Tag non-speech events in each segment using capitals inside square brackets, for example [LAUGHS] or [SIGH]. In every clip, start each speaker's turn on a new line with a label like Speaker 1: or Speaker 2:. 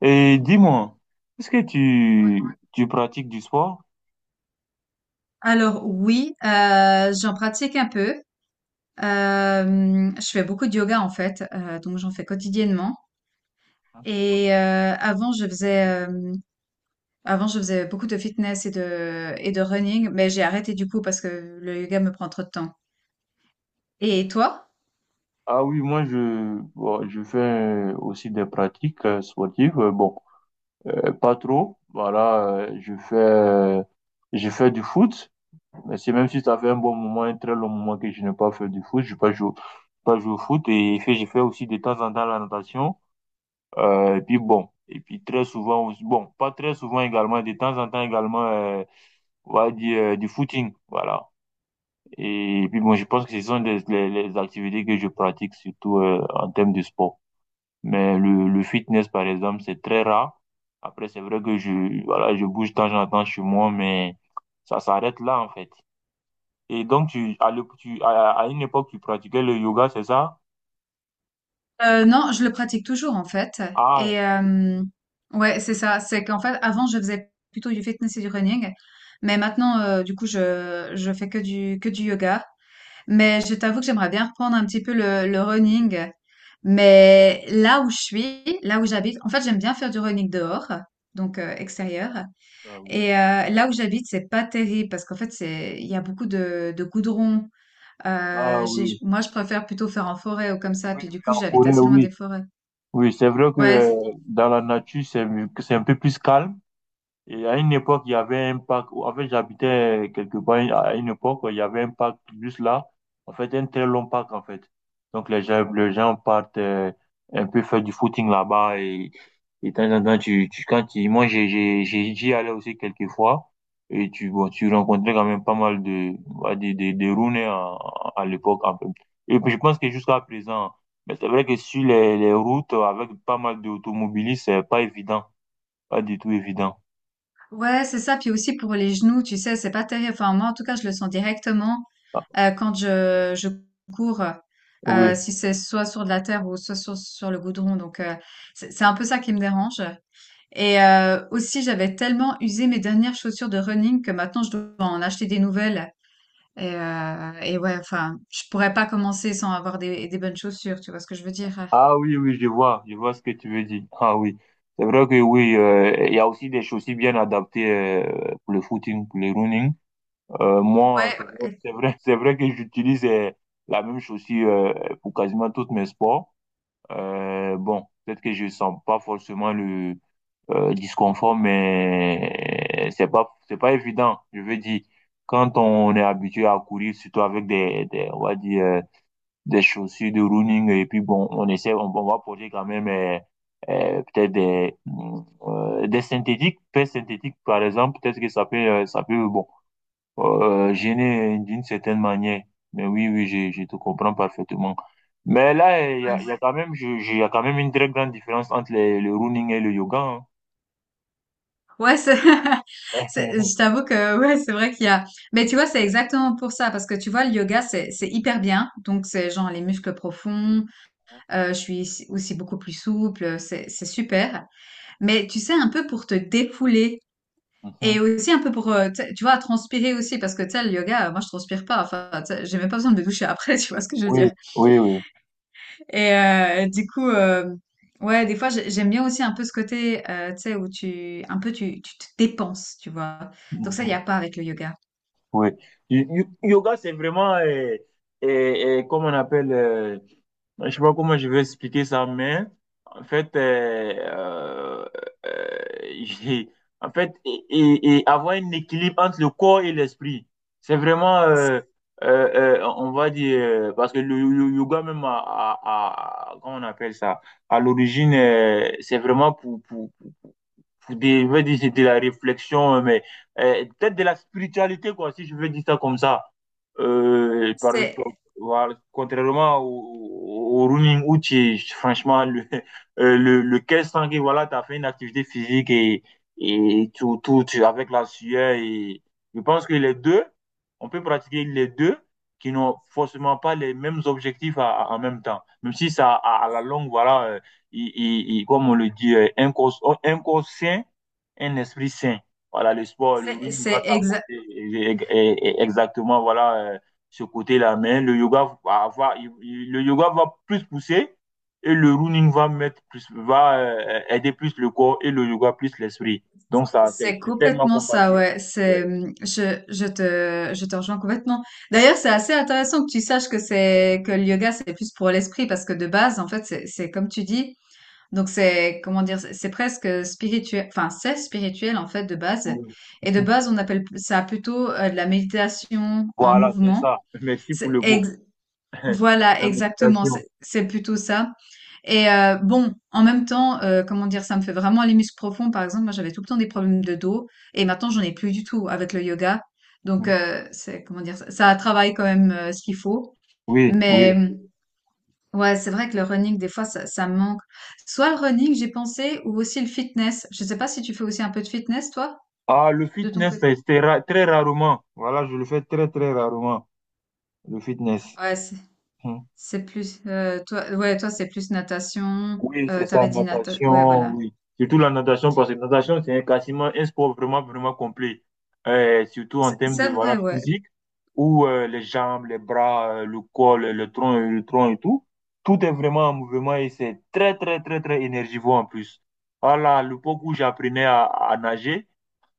Speaker 1: Et dis-moi, est-ce que
Speaker 2: Oui.
Speaker 1: tu pratiques du sport?
Speaker 2: Alors oui, j'en pratique un peu. Je fais beaucoup de yoga en fait, donc j'en fais quotidiennement. Et avant, avant, je faisais beaucoup de fitness et de running, mais j'ai arrêté du coup parce que le yoga me prend trop de temps. Et toi?
Speaker 1: Ah oui, moi, je je fais aussi des pratiques sportives. Pas trop. Voilà, je fais du foot. Mais c'est, même si ça fait un bon moment, un très long moment que je n'ai pas fait du foot. Je pas joué, Pas joué au foot. Et fait, je fais aussi de temps en temps la natation. Et puis bon, et puis très souvent aussi, bon, Pas très souvent également, de temps en temps également, on va dire du footing. Voilà. Et puis bon, je pense que ce sont les activités que je pratique surtout en termes de sport. Mais le fitness, par exemple, c'est très rare. Après, c'est vrai que je bouge de temps en temps chez moi, mais ça s'arrête là, en fait. Et donc, tu, à, l'ép- tu, à une époque, tu pratiquais le yoga, c'est ça?
Speaker 2: Non, je le pratique toujours en fait.
Speaker 1: Ah,
Speaker 2: Et ouais, c'est ça. C'est qu'en fait, avant, je faisais plutôt du fitness et du running, mais maintenant, du coup, je fais que du yoga. Mais je t'avoue que j'aimerais bien reprendre un petit peu le running. Mais là où j'habite, en fait, j'aime bien faire du running dehors, donc extérieur.
Speaker 1: ah oui,
Speaker 2: Et là où j'habite, c'est pas terrible parce qu'en fait, il y a beaucoup de goudron.
Speaker 1: Ah oui,
Speaker 2: Moi, je préfère plutôt faire en forêt ou comme ça.
Speaker 1: oui,
Speaker 2: Puis
Speaker 1: oui,
Speaker 2: du coup,
Speaker 1: en
Speaker 2: j'habite
Speaker 1: forêt,
Speaker 2: assez loin des
Speaker 1: oui.
Speaker 2: forêts.
Speaker 1: Oui, c'est vrai que
Speaker 2: Ouais,
Speaker 1: dans la nature, c'est un peu plus calme. Et à une époque, il y avait un parc, en fait, j'habitais quelque part, à une époque, il y avait un parc juste là, en fait, un très long parc, en fait. Donc, les gens partent un peu faire du footing là-bas, et de temps en temps, tu, quand tu, moi, j'ai- j'y allais aussi quelques fois et bon, tu rencontrais quand même pas mal de, ouais, des Rouennais à l'époque, en fait. Et puis, je pense que jusqu'à présent, mais c'est vrai que sur les routes, avec pas mal d'automobilistes, c'est pas évident, pas du tout évident.
Speaker 2: Ouais, c'est ça. Puis aussi pour les genoux, tu sais, c'est pas terrible. Enfin, moi, en tout cas, je le sens directement quand je cours,
Speaker 1: Oui.
Speaker 2: si c'est soit sur de la terre ou soit sur le goudron. Donc, c'est un peu ça qui me dérange. Et aussi, j'avais tellement usé mes dernières chaussures de running que maintenant, je dois en acheter des nouvelles. Et ouais, enfin, je pourrais pas commencer sans avoir des bonnes chaussures. Tu vois ce que je veux dire?
Speaker 1: Ah oui, oui, je vois ce que tu veux dire. Ah oui. C'est vrai que oui, il y a aussi des chaussures bien adaptées pour le footing, pour le running. Moi,
Speaker 2: Ouais, ouais,
Speaker 1: c'est vrai, [LAUGHS] c'est vrai que j'utilise la même chaussure pour quasiment tous mes sports. Peut-être que je sens pas forcément le disconfort, mais c'est pas évident. Je veux dire, quand on est habitué à courir, surtout avec on va dire, des chaussures de running, et puis bon, on essaie, on va porter quand même peut-être des synthétiques, paires synthétiques par exemple, peut-être que ça peut bon, gêner d'une certaine manière. Mais oui, oui, je te comprends parfaitement. Mais là,
Speaker 2: ouais.
Speaker 1: il y a quand même, il y a quand même une très grande différence entre le running et le yoga, hein.
Speaker 2: Ouais, c'est, [LAUGHS] je
Speaker 1: [LAUGHS]
Speaker 2: t'avoue que ouais, c'est vrai qu'il y a. Mais tu vois, c'est exactement pour ça, parce que tu vois, le yoga, c'est hyper bien. Donc, c'est genre les muscles profonds. Je suis aussi beaucoup plus souple. C'est super. Mais tu sais, un peu pour te défouler et
Speaker 1: Mhm.
Speaker 2: aussi un peu pour, tu sais, tu vois, transpirer aussi, parce que tu sais, le yoga, moi, je transpire pas. Enfin, tu sais, j'ai même pas besoin de me doucher après. [LAUGHS] Tu vois ce que je veux
Speaker 1: Oui,
Speaker 2: dire?
Speaker 1: oui, oui.
Speaker 2: Et du coup, ouais, des fois, j'aime bien aussi un peu ce côté, tu sais, où un peu, tu te dépenses, tu vois. Donc ça, il n'y
Speaker 1: Mm-hmm.
Speaker 2: a pas avec le yoga.
Speaker 1: Oui. Y- Yoga, c'est vraiment, comme on appelle, je sais pas comment je vais expliquer ça, mais en fait, euh, [LAUGHS] j'ai- en fait, et avoir un équilibre entre le corps et l'esprit, c'est vraiment, on va dire, parce que le yoga même, comment on appelle ça, à l'origine, c'est vraiment pour des, je veux dire, c'est de la réflexion, mais peut-être de la spiritualité, quoi, si je veux dire ça comme ça. Euh, par,
Speaker 2: C'est,
Speaker 1: voilà, contrairement au, au running où tu es, franchement, [LAUGHS] le 1500 que voilà, tu as fait une activité physique, tout, avec la sueur. Et je pense que les deux, on peut pratiquer les deux qui n'ont forcément pas les mêmes objectifs en même temps. Même si ça, à la longue, voilà, comme on le dit, un corps, un corps sain, un esprit sain. Voilà, le sport, le
Speaker 2: c'est,
Speaker 1: rugby va
Speaker 2: c'est exa-
Speaker 1: t'apporter exactement voilà, ce côté-là. Mais le yoga va avoir, le yoga va plus pousser, et le running va mettre plus, va aider plus le corps, et le yoga plus l'esprit. Donc ça,
Speaker 2: c'est
Speaker 1: c'est tellement
Speaker 2: complètement ça,
Speaker 1: compatible.
Speaker 2: ouais.
Speaker 1: Ouais.
Speaker 2: C'est, je te rejoins complètement. D'ailleurs, c'est assez intéressant que tu saches que que le yoga, c'est plus pour l'esprit parce que de base, en fait, c'est comme tu dis. Donc c'est, comment dire, c'est presque spirituel, enfin c'est spirituel en fait de base. Et de base, on appelle ça plutôt de la méditation en
Speaker 1: Voilà, c'est
Speaker 2: mouvement.
Speaker 1: ça. Merci pour
Speaker 2: C'est
Speaker 1: le mot.
Speaker 2: ex-
Speaker 1: [LAUGHS]
Speaker 2: voilà,
Speaker 1: La
Speaker 2: exactement,
Speaker 1: méditation.
Speaker 2: c'est plutôt ça. Et bon, en même temps, comment dire, ça me fait vraiment les muscles profonds. Par exemple, moi j'avais tout le temps des problèmes de dos et maintenant j'en ai plus du tout avec le yoga. Donc c'est, comment dire, ça travaille quand même ce qu'il faut.
Speaker 1: Oui, oui.
Speaker 2: Mais ouais, c'est vrai que le running, des fois, ça me manque. Soit le running, j'ai pensé, ou aussi le fitness. Je sais pas si tu fais aussi un peu de fitness, toi,
Speaker 1: Ah, le
Speaker 2: de ton
Speaker 1: fitness,
Speaker 2: côté.
Speaker 1: c'est très rarement. Voilà, je le fais très, très rarement, le fitness.
Speaker 2: Ouais, c'est
Speaker 1: Hmm.
Speaker 2: c'est plus toi. Ouais, toi, c'est plus natation.
Speaker 1: Oui, c'est ça,
Speaker 2: T'avais dit natation. Ouais,
Speaker 1: natation,
Speaker 2: voilà.
Speaker 1: oui. Surtout la natation, parce que la natation, quasiment un sport vraiment, vraiment complet. Surtout en
Speaker 2: C'est
Speaker 1: termes de,
Speaker 2: c'est
Speaker 1: voilà,
Speaker 2: vrai, ouais.
Speaker 1: physique, où les jambes, les bras, le tronc, et tout, tout est vraiment en mouvement, et c'est très, très, très, très énergivore en plus. Voilà, l'époque où j'apprenais à nager,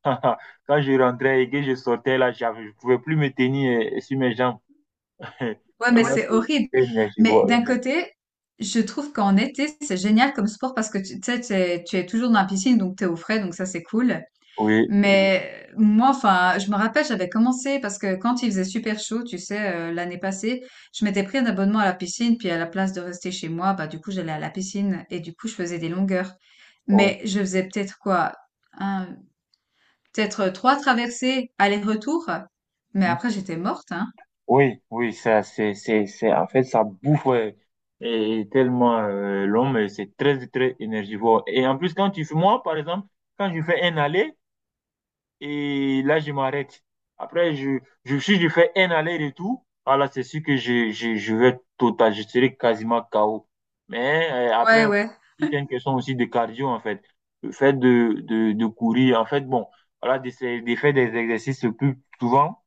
Speaker 1: [LAUGHS] quand je rentrais et que je sortais là, je ne pouvais plus me tenir sur mes jambes. [LAUGHS]
Speaker 2: Ouais,
Speaker 1: Ouais.
Speaker 2: mais
Speaker 1: Tellement. Ouais,
Speaker 2: c'est horrible.
Speaker 1: c'était
Speaker 2: Mais
Speaker 1: énergivore.
Speaker 2: d'un côté, je trouve qu'en été, c'est génial comme sport parce que tu sais, tu es toujours dans la piscine, donc t'es au frais, donc ça c'est cool.
Speaker 1: Oui, oui,
Speaker 2: Mais moi, enfin, je me rappelle, j'avais commencé parce que quand il faisait super chaud, tu sais, l'année passée, je m'étais pris un abonnement à la piscine, puis à la place de rester chez moi, bah du coup, j'allais à la piscine et du coup, je faisais des longueurs.
Speaker 1: oui.
Speaker 2: Mais je faisais peut-être quoi, un, peut-être trois traversées aller-retour. Mais
Speaker 1: Hmm.
Speaker 2: après, j'étais morte, hein.
Speaker 1: Oui, oui, ça, c'est, en fait, ça bouffe, ouais. Et tellement c'est très, très énergivore. Et en plus, quand tu fais, moi, par exemple, quand je fais un aller, et là, je m'arrête. Après, si je fais un aller-retour, ah là, c'est sûr que je vais total, je serai quasiment KO. Mais après,
Speaker 2: Ouais,
Speaker 1: bon,
Speaker 2: ouais,
Speaker 1: tout une question aussi de cardio, en fait. Le fait de courir, en fait, bon, voilà, d'essayer de faire des exercices le plus souvent,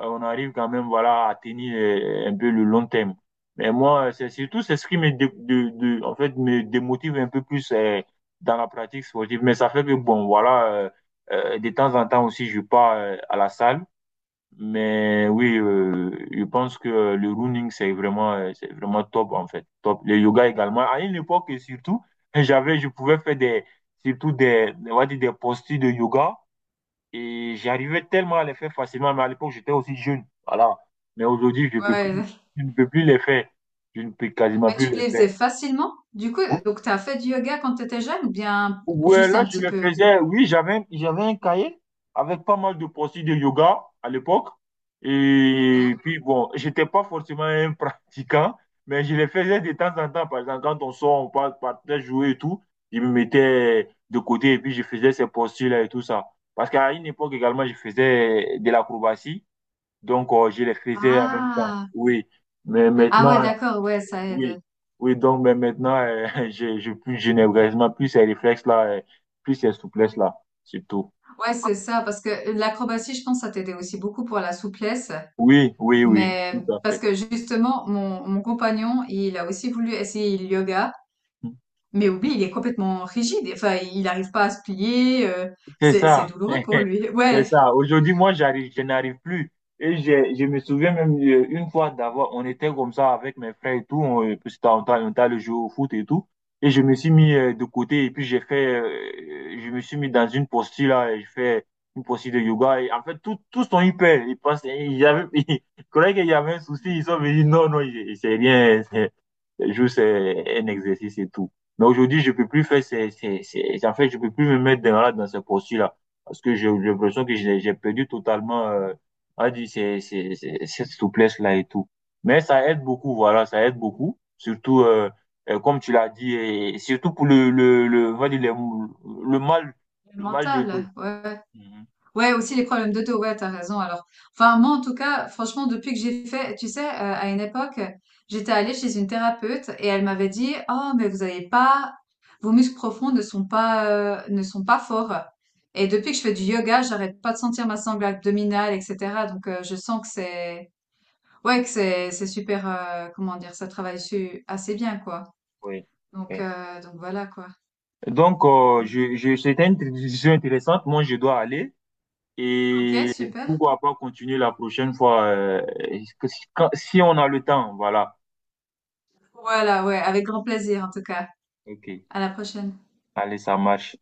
Speaker 1: on arrive quand même voilà à tenir un peu le long terme. Mais moi, c'est surtout c'est ce qui me, en fait, me démotive un peu plus dans la pratique sportive. Mais ça fait que, bon, voilà, de temps en temps aussi, je pars à la salle. Mais oui, je pense que le running, c'est vraiment top, en fait. Top. Le yoga également. À une époque, surtout, [LAUGHS] je pouvais faire des, surtout des, on va dire des postures de yoga, et j'arrivais tellement à les faire facilement, mais à l'époque, j'étais aussi jeune. Voilà. Mais aujourd'hui, je ne peux plus,
Speaker 2: ouais.
Speaker 1: je ne peux plus les faire. Je ne peux quasiment
Speaker 2: Mais
Speaker 1: plus
Speaker 2: tu
Speaker 1: les
Speaker 2: les
Speaker 1: faire.
Speaker 2: faisais facilement. Du coup,
Speaker 1: Ou-
Speaker 2: donc t'as fait du yoga quand t'étais jeune ou bien
Speaker 1: Ouais,
Speaker 2: juste
Speaker 1: là,
Speaker 2: un
Speaker 1: je
Speaker 2: petit
Speaker 1: les
Speaker 2: peu?
Speaker 1: faisais. Oui, j'avais un cahier avec pas mal de postures de yoga à l'époque. Et
Speaker 2: Ok.
Speaker 1: puis, bon, j'étais pas forcément un [LAUGHS] pratiquant, mais je les faisais de temps en temps. Par exemple, quand on sort, partait jouer et tout, je me mettais de côté et puis je faisais ces postures-là et tout ça. Parce qu'à une époque également, je faisais de l'acrobatie. Donc, je les faisais en même temps.
Speaker 2: Ah,
Speaker 1: Oui. Mais
Speaker 2: ah ouais,
Speaker 1: maintenant,
Speaker 2: d'accord, ouais, ça aide.
Speaker 1: oui. Oui, donc, mais maintenant, [LAUGHS] je n'ai vraiment plus ces réflexes-là, plus ces souplesses-là, surtout.
Speaker 2: Ouais, c'est ça, parce que l'acrobatie, je pense, ça t'aidait aussi beaucoup pour la souplesse.
Speaker 1: Oui, oui, oui, tout
Speaker 2: Mais
Speaker 1: à
Speaker 2: parce
Speaker 1: fait.
Speaker 2: que justement, mon compagnon, il a aussi voulu essayer le yoga, mais oublie, il est complètement rigide. Enfin, il n'arrive pas à se plier.
Speaker 1: C'est
Speaker 2: C'est
Speaker 1: ça,
Speaker 2: douloureux pour lui. [LAUGHS]
Speaker 1: [LAUGHS] c'est
Speaker 2: Ouais,
Speaker 1: ça. Aujourd'hui, je n'arrive plus. Et je me souviens même une fois d'avoir, on était comme ça avec mes frères et tout, on, parce que on t'a le jeu au foot et tout. Et je me suis mis de côté et puis j'ai fait, je me suis mis dans une posture là, et je fais une posture de yoga. Et en fait, tous sont hyper. Ils pensent, il y avait, [LAUGHS] ils croyaient qu'il y avait un souci. Ils sont venus, non, non, c'est rien, c'est le jeu, c'est juste un exercice et tout. Mais aujourd'hui, je peux plus faire en fait, je peux plus me mettre dans ce posture-là. Parce que j'ai l'impression que j'ai perdu totalement, on va dire, cette souplesse-là et tout. Mais ça aide beaucoup, voilà, ça aide beaucoup. Surtout, comme tu l'as dit, et surtout pour le, on va dire, le le mal,
Speaker 2: le
Speaker 1: le mal de tout.
Speaker 2: mental. Ouais.
Speaker 1: Mhm.
Speaker 2: Ouais, aussi les problèmes de dos. Ouais, t'as raison. Alors, enfin, moi, en tout cas, franchement, depuis que j'ai fait, tu sais, à une époque, j'étais allée chez une thérapeute et elle m'avait dit, oh, mais vous n'avez pas, vos muscles profonds ne sont pas, ne sont pas forts. Et depuis que je fais du yoga, j'arrête pas de sentir ma sangle abdominale, etc. Donc, je sens que c'est, ouais, que c'est super, comment dire, ça travaille assez bien, quoi.
Speaker 1: Oui. Oui.
Speaker 2: Donc voilà, quoi.
Speaker 1: Donc, c'était une discussion intéressante. Moi, je dois aller.
Speaker 2: Ok,
Speaker 1: Et
Speaker 2: super.
Speaker 1: pourquoi pas continuer la prochaine fois, que si quand- si on a le temps, voilà.
Speaker 2: Voilà, ouais, avec grand plaisir, en tout cas.
Speaker 1: Ok,
Speaker 2: À la prochaine.
Speaker 1: allez, ça marche.